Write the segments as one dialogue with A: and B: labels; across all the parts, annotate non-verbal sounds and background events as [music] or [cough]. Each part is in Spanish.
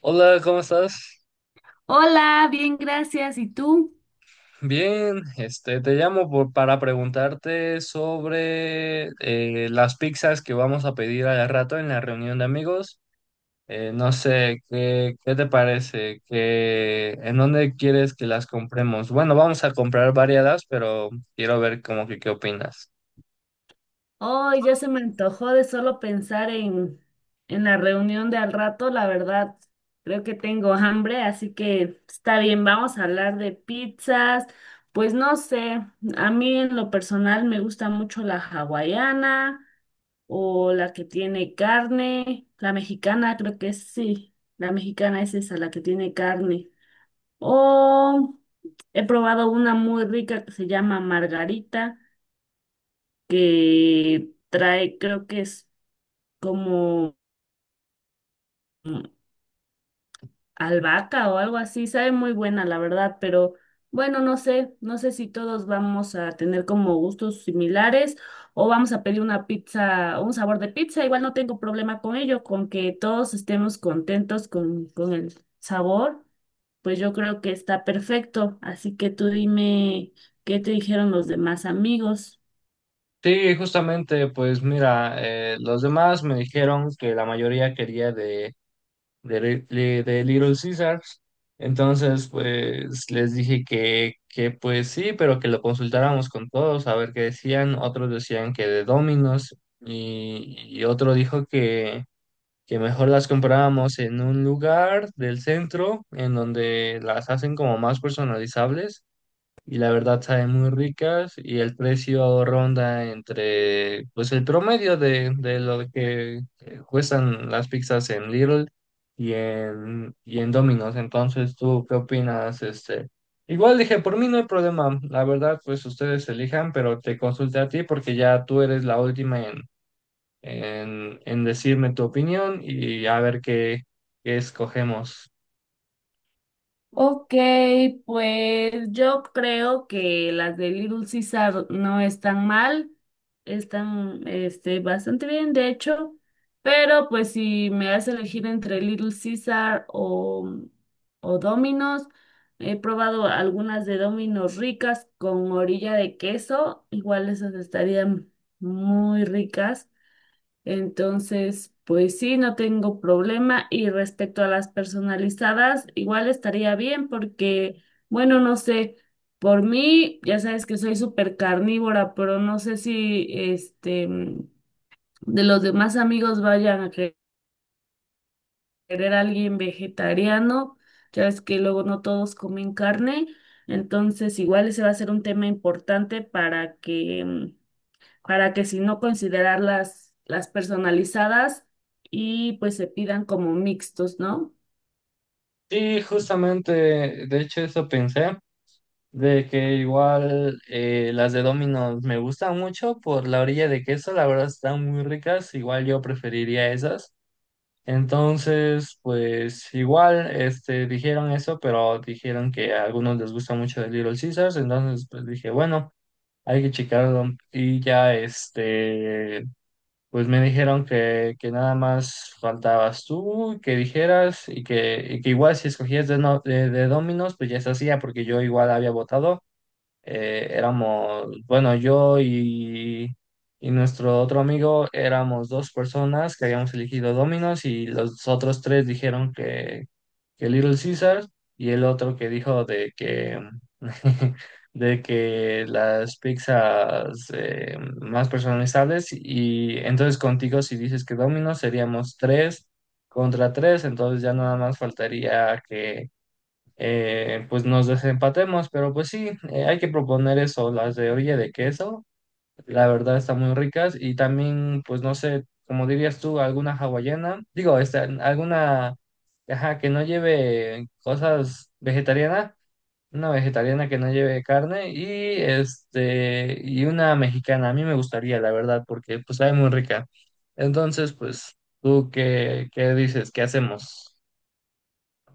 A: Hola, ¿cómo estás?
B: Hola, bien, gracias. ¿Y tú?
A: Bien, este, te llamo para preguntarte sobre las pizzas que vamos a pedir al rato en la reunión de amigos. No sé, ¿ qué te parece? ¿Qué, en dónde quieres que las compremos? Bueno, vamos a comprar variadas, pero quiero ver como que qué opinas.
B: Hoy ya se me antojó de solo pensar en la reunión de al rato. La verdad, creo que tengo hambre, así que está bien, vamos a hablar de pizzas. Pues no sé, a mí en lo personal me gusta mucho la hawaiana o la que tiene carne. La mexicana, creo que sí. La mexicana es esa, la que tiene carne. O he probado una muy rica que se llama margarita. Que trae, creo que es como mm, albahaca o algo así, sabe muy buena, la verdad, pero bueno, no sé, no sé si todos vamos a tener como gustos similares o vamos a pedir una pizza, un sabor de pizza, igual no tengo problema con ello, con que todos estemos contentos con el sabor, pues yo creo que está perfecto, así que tú dime qué te dijeron los demás amigos.
A: Sí, justamente, pues mira, los demás me dijeron que la mayoría quería de Little Caesars. Entonces, pues les dije que pues sí, pero que lo consultáramos con todos a ver qué decían. Otros decían que de Domino's y otro dijo que mejor las comprábamos en un lugar del centro en donde las hacen como más personalizables y la verdad saben muy ricas y el precio ronda entre, pues el promedio de lo que cuestan las pizzas en Lidl y en Domino's. Entonces, ¿tú qué opinas? Este, igual dije, por mí no hay problema, la verdad, pues ustedes elijan, pero te consulté a ti porque ya tú eres la última en decirme tu opinión y a ver qué escogemos.
B: Ok, pues yo creo que las de Little Caesar no están mal, están este, bastante bien, de hecho, pero pues si me das a elegir entre Little Caesar o Domino's, he probado algunas de Domino's ricas con orilla de queso, igual esas estarían muy ricas. Entonces, pues sí, no tengo problema. Y respecto a las personalizadas, igual estaría bien porque, bueno, no sé, por mí, ya sabes que soy súper carnívora, pero no sé si este de los demás amigos vayan a querer a alguien vegetariano. Ya ves que luego no todos comen carne. Entonces, igual ese va a ser un tema importante para que para que si no considerar las personalizadas y pues se pidan como mixtos, ¿no?
A: Sí, justamente, de hecho eso pensé. De que igual las de Domino's me gustan mucho por la orilla de queso, la verdad están muy ricas, igual yo preferiría esas. Entonces, pues igual este, dijeron eso, pero dijeron que a algunos les gusta mucho el Little Caesars, entonces pues dije, bueno, hay que checarlo. Y ya este, pues me dijeron que nada más faltabas tú, que dijeras y que igual si escogías de, no- de Domino's, pues ya se hacía porque yo igual había votado éramos, bueno, y nuestro otro amigo éramos dos personas que habíamos elegido Domino's y los otros tres dijeron que Little Caesar y el otro que dijo de que, [laughs] de que las pizzas más personalizables y entonces contigo si dices que Domino's seríamos 3-3, entonces ya nada más faltaría que pues nos desempatemos, pero pues sí, hay que proponer eso, las de orilla de queso, la verdad están muy ricas y también, pues no sé, como dirías tú, alguna hawaiana, digo, esta, alguna, ajá, que no lleve cosas vegetarianas, una vegetariana que no lleve carne y este, y una mexicana, a mí me gustaría, la verdad, porque pues sabe muy rica. Entonces, pues, ¿tú qué dices? ¿Qué hacemos?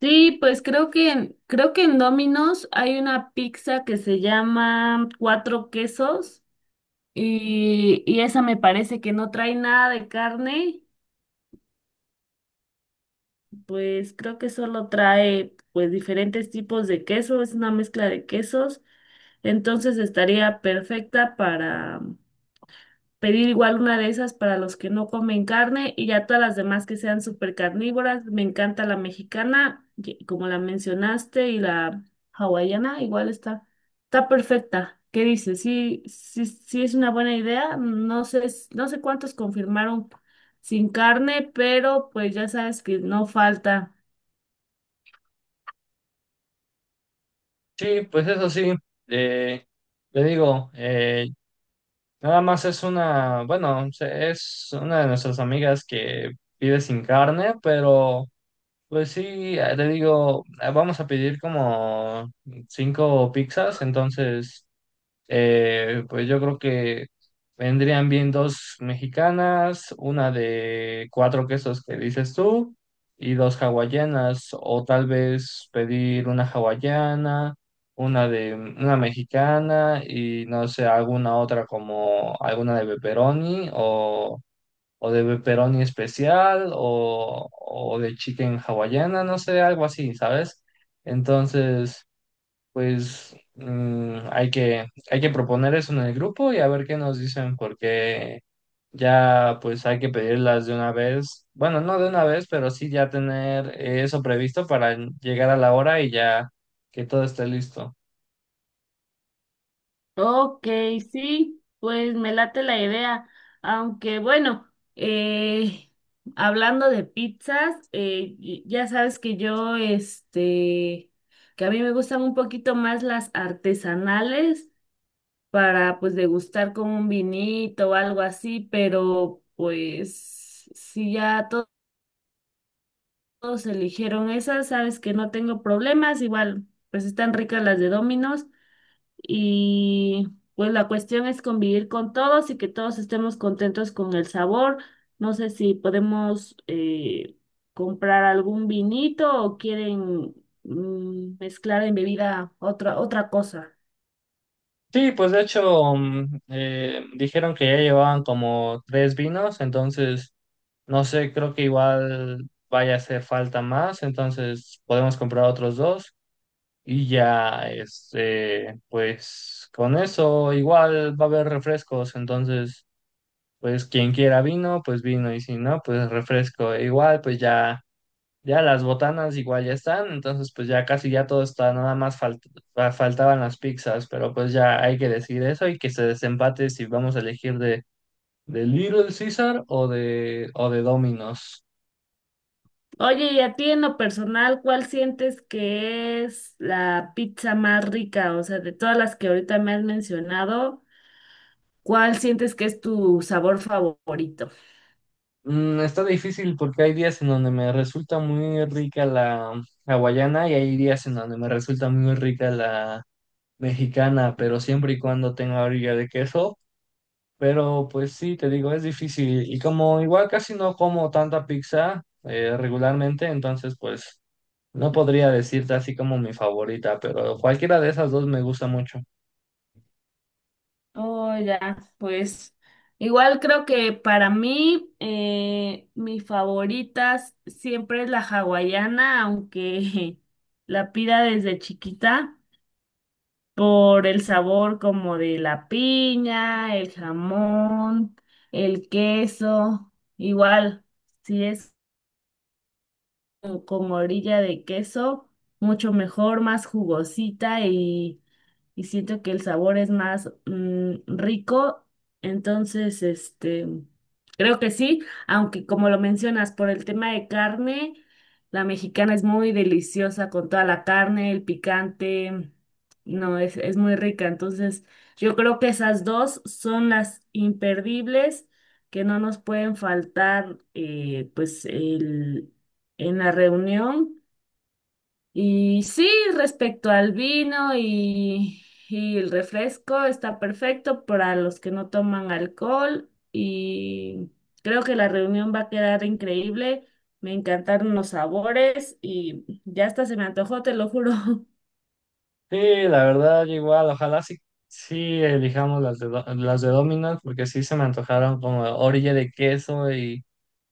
B: Sí, pues creo creo que en Domino's hay una pizza que se llama Cuatro Quesos y esa me parece que no trae nada de carne, pues creo que solo trae pues diferentes tipos de queso, es una mezcla de quesos, entonces estaría perfecta para pedir igual una de esas para los que no comen carne y ya todas las demás que sean súper carnívoras. Me encanta la mexicana, como la mencionaste, y la hawaiana, igual está, está perfecta. ¿Qué dices? Sí, sí, sí es una buena idea. No sé, no sé cuántos confirmaron sin carne, pero pues ya sabes que no falta.
A: Sí, pues eso sí, eh, le digo, nada más es una, bueno, es una de nuestras amigas que pide sin carne, pero pues sí, le digo, vamos a pedir como 5 pizzas, entonces pues yo creo que vendrían bien 2 mexicanas, una de 4 quesos que dices tú y 2 hawaianas, o tal vez pedir una hawaiana, una de una mexicana y no sé, alguna otra como alguna de pepperoni o de pepperoni especial o de chicken hawaiana, no sé, algo así, ¿sabes? Entonces... Pues mm, hay que proponer eso en el grupo y a ver qué nos dicen, porque ya pues hay que pedirlas de una vez. Bueno, no de una vez, pero sí ya tener eso previsto para llegar a la hora y ya que todo esté listo.
B: Ok, sí, pues me late la idea. Aunque bueno, hablando de pizzas, ya sabes que yo, este, que a mí me gustan un poquito más las artesanales para pues degustar con un vinito o algo así, pero pues si ya todos eligieron esas, sabes que no tengo problemas, igual pues están ricas las de Domino's. Y pues la cuestión es convivir con todos y que todos estemos contentos con el sabor. No sé si podemos comprar algún vinito o quieren mezclar en bebida otra cosa.
A: Sí, pues de hecho dijeron que ya llevaban como 3 vinos, entonces no sé, creo que igual vaya a hacer falta más, entonces podemos comprar otros 2. Y ya, este, pues con eso igual va a haber refrescos, entonces, pues quien quiera vino, pues vino, y si no, pues refresco. E igual, pues ya, ya las botanas igual ya están, entonces pues ya casi ya todo está, nada más faltaban las pizzas, pero pues ya hay que decir eso y que se desempate si vamos a elegir de Little Caesar o de Domino's.
B: Oye, y a ti en lo personal, ¿cuál sientes que es la pizza más rica? O sea, de todas las que ahorita me has mencionado, ¿cuál sientes que es tu sabor favorito?
A: Mm, está difícil porque hay días en donde me resulta muy rica la hawaiana y hay días en donde me resulta muy rica la mexicana, pero siempre y cuando tenga orilla de queso. Pero pues sí, te digo, es difícil. Y como igual casi no como tanta pizza regularmente, entonces pues no podría decirte así como mi favorita, pero cualquiera de esas dos me gusta mucho.
B: Oh, ya, pues igual creo que para mí mi favorita siempre es la hawaiana, aunque [laughs] la pida desde chiquita por el sabor como de la piña, el jamón, el queso. Igual, si es como con orilla de queso, mucho mejor, más jugosita y siento que el sabor es más rico. Entonces, este, creo que sí, aunque como lo mencionas, por el tema de carne, la mexicana es muy deliciosa con toda la carne, el picante, no, es muy rica. Entonces, yo creo que esas dos son las imperdibles que no nos pueden faltar, pues, el, en la reunión. Y sí, respecto al vino y el refresco, está perfecto para los que no toman alcohol y creo que la reunión va a quedar increíble. Me encantaron los sabores y ya hasta se me antojó, te lo juro.
A: Sí, la verdad, yo igual, ojalá sí, sí elijamos las de Domino's, porque sí se me antojaron como orilla de queso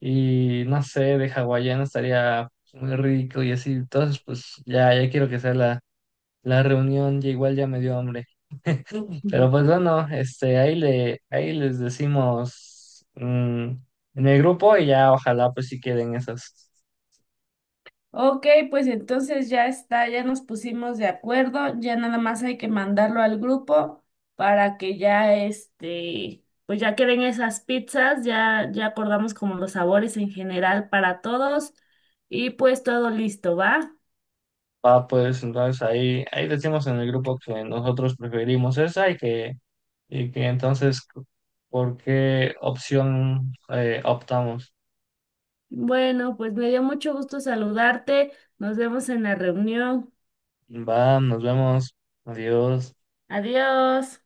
A: y no sé, de hawaiano estaría muy rico y así. Entonces, pues ya, ya quiero que sea la reunión, ya igual ya me dio hambre. Pero pues
B: [laughs]
A: bueno, este, ahí les decimos mm, en el grupo y ya ojalá pues sí queden esas.
B: Ok, pues entonces ya está, ya nos pusimos de acuerdo, ya nada más hay que mandarlo al grupo para que ya este, pues ya queden esas pizzas, ya acordamos como los sabores en general para todos y pues todo listo, ¿va?
A: Ah, pues entonces ahí decimos en el grupo que nosotros preferimos esa y que entonces por qué opción optamos.
B: Bueno, pues me dio mucho gusto saludarte, nos vemos en la reunión,
A: Va, nos vemos. Adiós.
B: adiós.